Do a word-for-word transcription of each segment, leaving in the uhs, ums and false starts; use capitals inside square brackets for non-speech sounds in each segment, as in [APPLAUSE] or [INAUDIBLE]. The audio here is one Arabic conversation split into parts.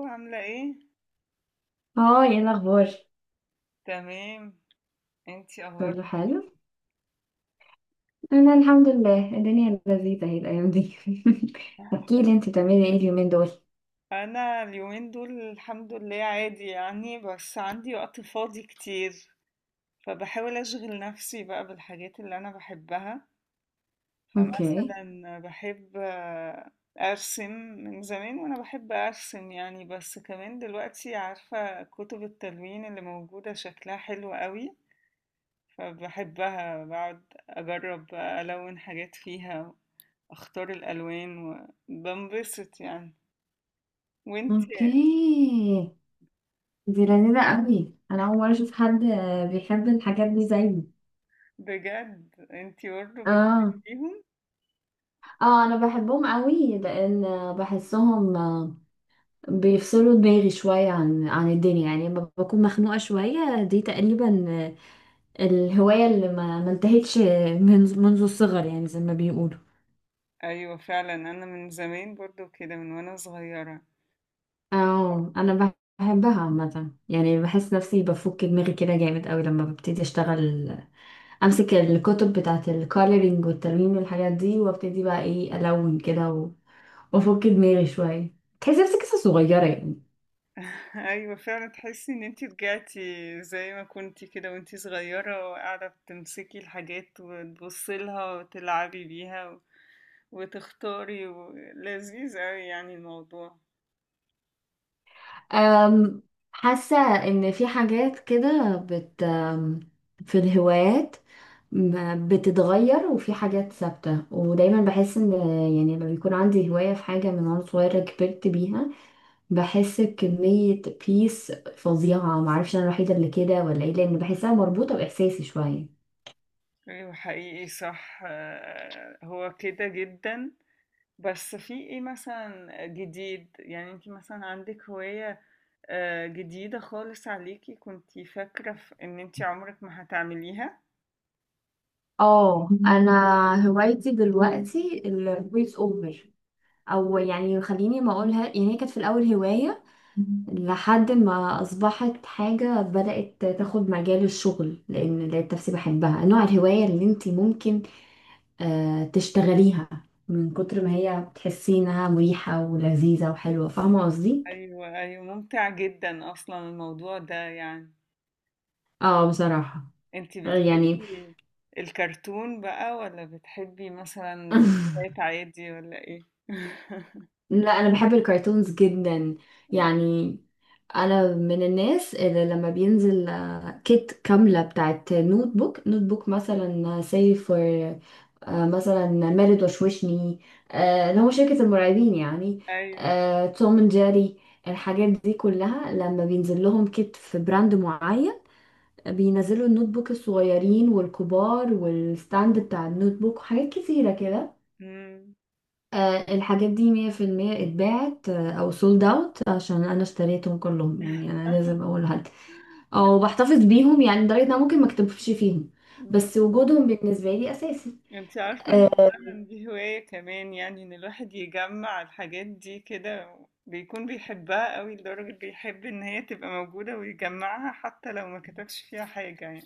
الو، عاملة ايه؟ اه، ايه الاخبار؟ تمام. انتي اخبارك كله إيه؟ حلو. انا الحمد لله الدنيا لذيذه اهي الايام دي. [LAUGHS] احكي لي انت بتعملي ايه اليومين دول؟ انا اليومين دول الحمد لله عادي يعني، بس عندي وقت فاضي كتير، فبحاول اشغل نفسي بقى بالحاجات اللي انا بحبها. اوكي. فمثلا بحب آه، ارسم من زمان، وانا بحب ارسم يعني، بس كمان دلوقتي عارفة كتب التلوين اللي موجودة شكلها حلو قوي، فبحبها بقعد اجرب بقى الون حاجات فيها، اختار الالوان وبنبسط يعني. وانتي؟ اوكي، دي لذيذه قوي. انا اول مره [LAUGHS] اشوف حد آه، بيحب الحاجات دي زيي. بجد انتي برضه اه، بتحبيهم؟ اه، انا بحبهم قوي لان آه، بحسهم آه، بيفصلوا دماغي شويه عن عن الدنيا، يعني لما بكون مخنوقه شويه دي تقريبا. آه، الهوايه اللي ما ما انتهتش، آه، من منذ الصغر يعني زي ما بيقولوا. ايوه فعلا، انا من زمان برضه كده من وانا صغيره. اه، انا بحبها عامه يعني، بحس نفسي بفك دماغي كده جامد قوي لما ببتدي اشتغل، امسك الكتب بتاعه الكولرينج والتلوين والحاجات دي وابتدي بقى ايه الون كده و- وافك دماغي شويه، تحس نفسي قصه صغيره يعني. [LAUGHS] ايوه فعلا، تحسي ان انتي رجعتي زي ما كنتي كده وانتي صغيره، وقاعده بتمسكي الحاجات وتبصي لها وتلعبي بيها و- وتختاري، و- لذيذ اوي يعني الموضوع. أم حاسه ان في حاجات كده بت أم، في الهوايات، م- بتتغير، وفي حاجات ثابته، ودايما بحس ان، يعني لما بيكون عندي هوايه في حاجه من وانا صغيره كبرت بيها بحس بكمية بيس فظيعة. معرفش أنا الوحيدة اللي كده ولا إيه، لأن بحسها مربوطة بإحساسي شوية. ايوه حقيقي صح، آه، هو كده جدا. بس في ايه مثلا جديد يعني؟ انت مثلا عندك هواية آه، جديدة خالص عليكي، كنتي فاكرة في ان انت عمرك ما هتعمليها؟ اه، انا هوايتي دلوقتي الفويس اوفر. او يعني خليني ما اقولها، يعني هي كانت في الاول هواية لحد ما اصبحت حاجة بدأت تاخد مجال الشغل، لان لقيت نفسي بحبها، نوع الهواية اللي انت ممكن آه تشتغليها من كتر ما هي بتحسي انها مريحة ولذيذة وحلوة. فاهمة قصدي؟ ايوه ايوه، ممتع جدا اصلا الموضوع ده يعني. اه، بصراحة انت يعني. بتحبي الكرتون بقى، ولا بتحبي مثلا [LAUGHS] روايات عادي، ولا ايه؟ [LAUGHS] لا، انا بحب الكرتونز جدا يعني. انا من الناس اللي لما بينزل آه، كيت كامله بتاعت نوت بوك، نوت بوك مثلا سي فور، مثلا مارد وشوشني، آه، اللي هو شركه المرعبين يعني، ايوه. آه، توم اند جيري، الحاجات دي كلها لما بينزل لهم كيت في براند معين، بينزلوا النوت بوك الصغيرين والكبار والستاند بتاع النوت بوك وحاجات كتيره كده. مم. آه، الحاجات دي مية في المية اتباعت، آه، أو سولد أوت، عشان أنا اشتريتهم كلهم. يعني أنا لازم [LAUGHS] أقول حد، أو بحتفظ بيهم، يعني لدرجة إن أنا ممكن مكتبش فيهم بس وجودهم بالنسبة لي أساسي. انت عارفة ان اه. فعلا دي هواية كمان، يعني ان الواحد يجمع الحاجات دي كده بيكون بيحبها قوي، لدرجة بيحب ان هي تبقى موجودة ويجمعها حتى لو ما كتبش فيها حاجة يعني.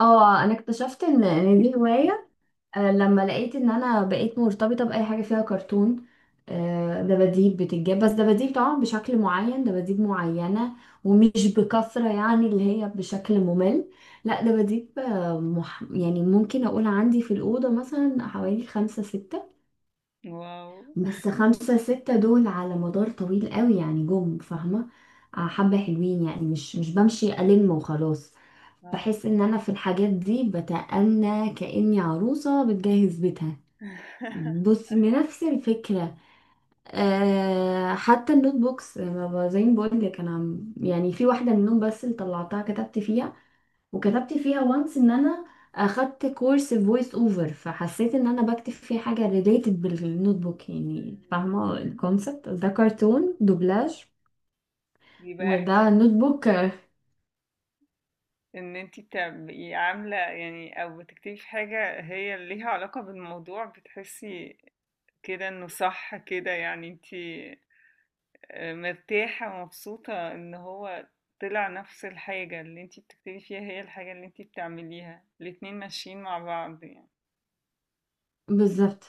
آه، أنا اكتشفت إن إن دي هواية، آه، لما لقيت ان انا بقيت مرتبطه باي حاجه فيها كرتون. آه، دباديب بتتجاب، بس دباديب طبعا بشكل معين، دباديب معينه ومش بكثره يعني اللي هي بشكل ممل. لا، دباديب آه، مح... يعني ممكن اقول عندي في الاوضه مثلا حوالي خمسة ستة، واو. بس خمسة ستة دول على مدار طويل قوي يعني، جم فاهمه. آه، حبه حلوين يعني، مش مش بمشي الم وخلاص. اه. بحس ان انا في الحاجات دي بتأنى كأني عروسه بتجهز بيتها. [LAUGHS] بص، من نفس الفكرة. أه، حتى النوت بوكس ما- ما- زي ما بقول لك انا عم- يعني في واحدة منهم بس اللي طلعتها كتبت فيها، وكتبت فيها وانس ان انا اخدت كورس فويس اوفر، فحسيت ان انا بكتب فيه حاجة ريليتد بالنوت بوك. يعني فاهمة الكونسبت ده؟ كرتون دوبلاج بيبقى وده احساس نوت بوك. ان انت بتبقي عاملة يعني او بتكتبي في حاجة هي ليها علاقة بالموضوع، بتحسي كده انه صح كده، يعني انت مرتاحة ومبسوطة ان هو طلع نفس الحاجة. اللي انتي بتكتبي فيها هي الحاجة اللي انتي بتعمليها، الاتنين ماشيين مع بعض يعني. بالظبط.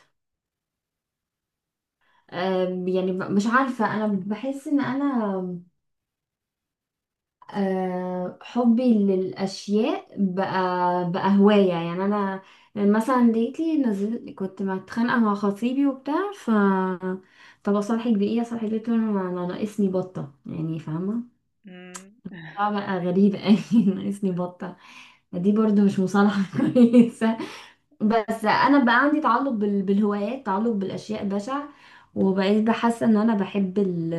أه يعني ب- مش عارفة، انا بحس ان انا آه، حبي للأشياء بقى بقى هواية يعني. أنا مثلا ديتي نزلت كنت متخانقة مع خطيبي وبتاع، ف طب أصالحك بإيه، أصالحك بإيه، قلت له أنا أنا ناقصني بطة يعني، فاهمة؟ مم. اه، [LAUGHS] بقى غريبة [LAUGHS] أوي، ناقصني بطة. دي برضو مش مصالحة [LAUGHS] كويسة. بس أنا بقى عندي تعلق بال- بالهوايات، تعلق بالأشياء بشع، وبقيت بحس إن أنا بحب ال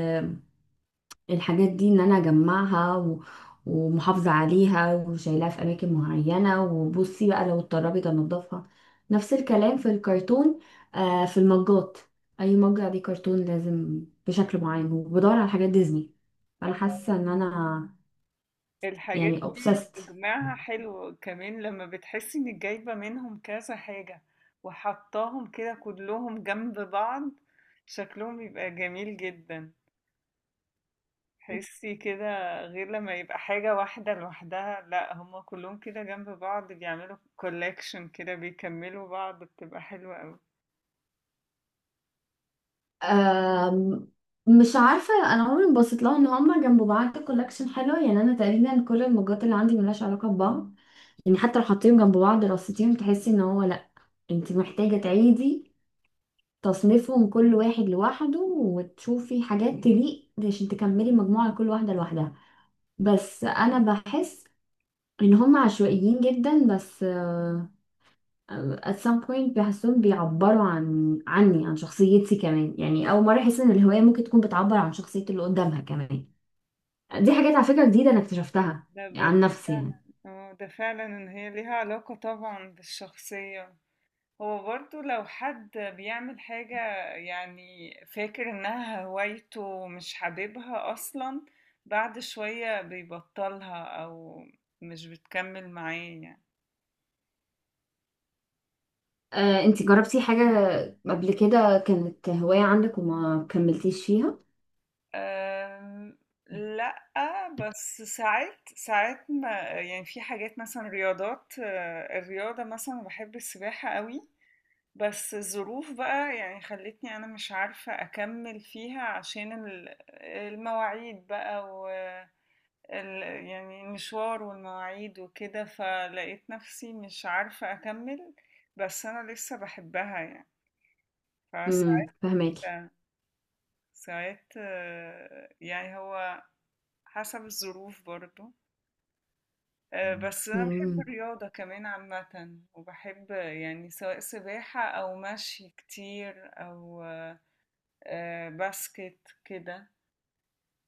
الحاجات دي، ان انا اجمعها و... ومحافظة عليها وشايلاها في اماكن معينة، وبصي بقى لو اتطربت انضفها. نفس الكلام في الكرتون، آه في المجات. اي مج عليه كرتون لازم بشكل معين، وبدور على حاجات ديزني. فانا اه حاسة ان انا الحاجات يعني دي obsessed. تجمعها حلو كمان، لما بتحسي انك جايبة منهم كذا حاجة وحطاهم كده كلهم جنب بعض، شكلهم بيبقى جميل جدا. تحسي كده غير لما يبقى حاجة واحدة لوحدها، لا هما كلهم كده جنب بعض بيعملوا كولكشن كده، بيكملوا بعض، بتبقى حلوة أوي. آم، مش عارفة، أنا عمري ما بصيت لها إن هما جنب بعض كولكشن حلوة. يعني أنا تقريبا كل المجات اللي عندي ملهاش علاقة ببعض، يعني حتى لو حطيتهم جنب بعض رصيتيهم تحسي إن هو انت محتاجة تعيدي تصنيفهم كل واحد لوحده وتشوفي حاجات تليق عشان تكملي مجموعة لكل واحدة لوحدها. بس أنا بحس إن هم عشوائيين جدا، بس آه، at some point بحسهم بيعبروا عن عني، عن شخصيتي كمان. يعني أول مرة أحس إن الهواية ممكن تكون بتعبر عن شخصية اللي قدامها كمان. دي حاجات على فكرة جديدة أنا اكتشفتها لا بس عن ده نفسي فعلا، يعني. اه ده فعلا ان هي ليها علاقة طبعا بالشخصية. هو برضو لو حد بيعمل حاجة يعني فاكر انها هوايته ومش حاببها اصلا، بعد شوية بيبطلها او مش بتكمل معاه يعني. آه، انت جربتي حاجة قبل كده كانت هواية عندك وما كملتيش فيها؟ آمم، لأ، بس ساعات ساعات ما يعني في حاجات مثلًا رياضات، آآ، الرياضة مثلًا باحب السباحة أوي، بس الظروف بقى يعني خلّتني أنا مش عارفة أكمّل فيها، عشان ال المواعيد بقى، و ال يعني المشوار والمواعيد وكده، فلقيت نَفْسي مش عارفة أكمّل، بس أنا لسه باحبها يعني، امم فساعات فهماكي. ساعات آه، يعني هو حسب الظروف برضو. آه، بس أنا بحب مم. الرياضة كمان عامة، وبحب يعني سواء سباحة أو مشي كتير أو آه، آه، باسكت كده.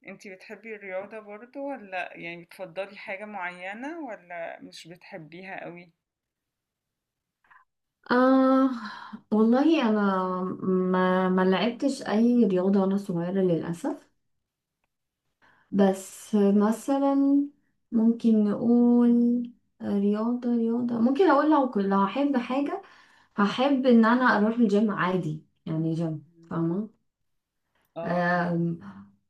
انتي بتحبي الرياضة برضو، ولا يعني بتفضلي حاجة معينة، ولا مش بتحبيها قوي؟ آه، والله أنا ما ما لعبتش أي رياضة وأنا صغيرة للأسف. بس مثلا ممكن نقول رياضة رياضة، ممكن أقول لو كنت- لو هحب حاجة هحب إن أنا أروح الجيم عادي يعني، جيم مم. فاهمة. اه أيوة. آم،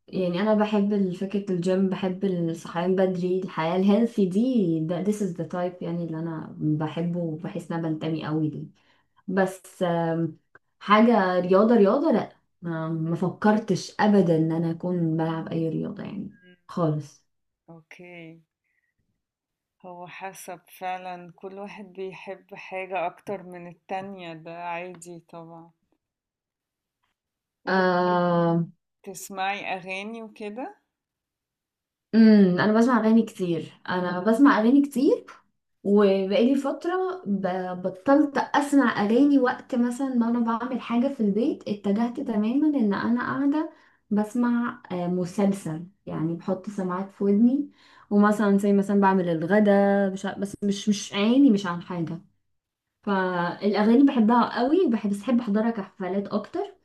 يعني أنا بحب فكرة الجيم، بحب الصحيان بدري، الحياة الهيلثي دي، ده this is the type يعني اللي أنا بحبه وبحس إن أنا بنتمي قوي ليه. بس آم، حاجة رياضة رياضة لا، ما ما فكرتش ابدا ان انا اكون بلعب اي رياضة يعني، مم. خالص. اوكي. هو حسب فعلا، كل واحد بيحب حاجة أكتر من التانية، ده عادي طبعا. آم، وبتسمعي أغاني وكده؟ امم انا بسمع اغاني كتير. انا بسمع اغاني كتير وبقالي فترة ب- بطلت اسمع اغاني. وقت مثلا ما انا بعمل حاجة في البيت اتجهت تماما ان انا قاعدة بسمع آه، مسلسل يعني، بحط سماعات في ودني، ومثلا زي مثلا بعمل الغدا مش ع- بس مش مش عيني مش عن حاجة. فالاغاني بحبها قوي، وبحب بس بحب احضرها كحفلات اكتر.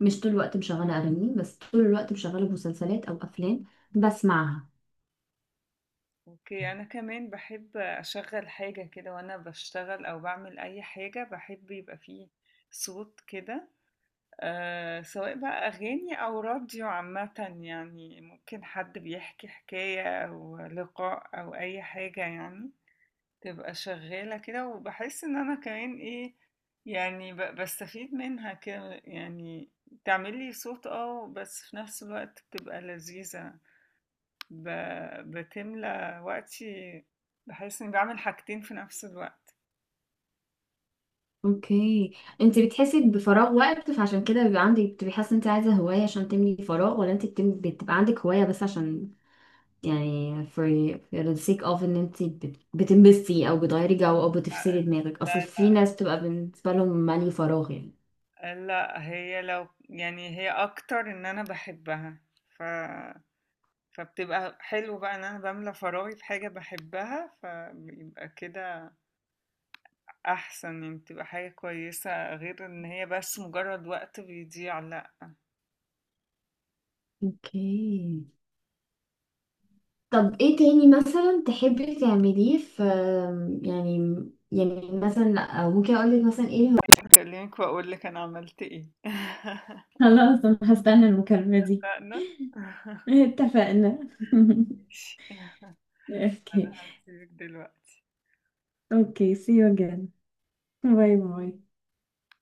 مش طول الوقت مشغله اغاني، بس طول الوقت مشغله مسلسلات او افلام بسمعها. أوكي، أنا كمان باحب أشغّل حاجة كده وأنا باشتغل أو باعمل أي حاجة، باحب يبقى في صوت كده، آآ، سواء بقى أغاني أو راديو عامةً يعني، ممكن حد بيحكي حكاية أو لقاء أو أي حاجة يعني، تبقى شغّالة كده وباحس إن أنا كمان إيه، يعني ب باستفيد منها كده، يعني تعمل لي صوت، آه، بس في نفس الوقت بتبقى لذيذة. ب... بتملى وقتي، بحس اني بعمل حاجتين في نفس الوقت. اوكي، انت بتحسي بفراغ وقت فعشان كده بيبقى عندك، بتبقي حاسه انت عايزه هوايه عشان تملي فراغ، ولا انت بتم... بتبقى عندك هوايه بس عشان يعني for, for the sake of ان انت بت... بتنبسطي او بتغيري جو او بتفصلي دماغك؟ اصل لا في ناس بتبقى بالنسبه لهم مالي فراغ يعني. لا، لا هي لو يعني، هي اكتر ان انا بحبها. ف لا هاخد على كلامك، هعمل كده و- وهقولك، ه... ه... هكلمك واقولك انا عملت ايه. [LAUGHS] اتفقنا. [LAUGHS] ماشي، انا هسيبك دلوقتي. [LAUGHS] خلاص، انا هستنى المكالمة دي. [LAUGHS] اتفقنا. [LAUGHS] [LAUGHS] Okay. Okay. See you again. Bye bye.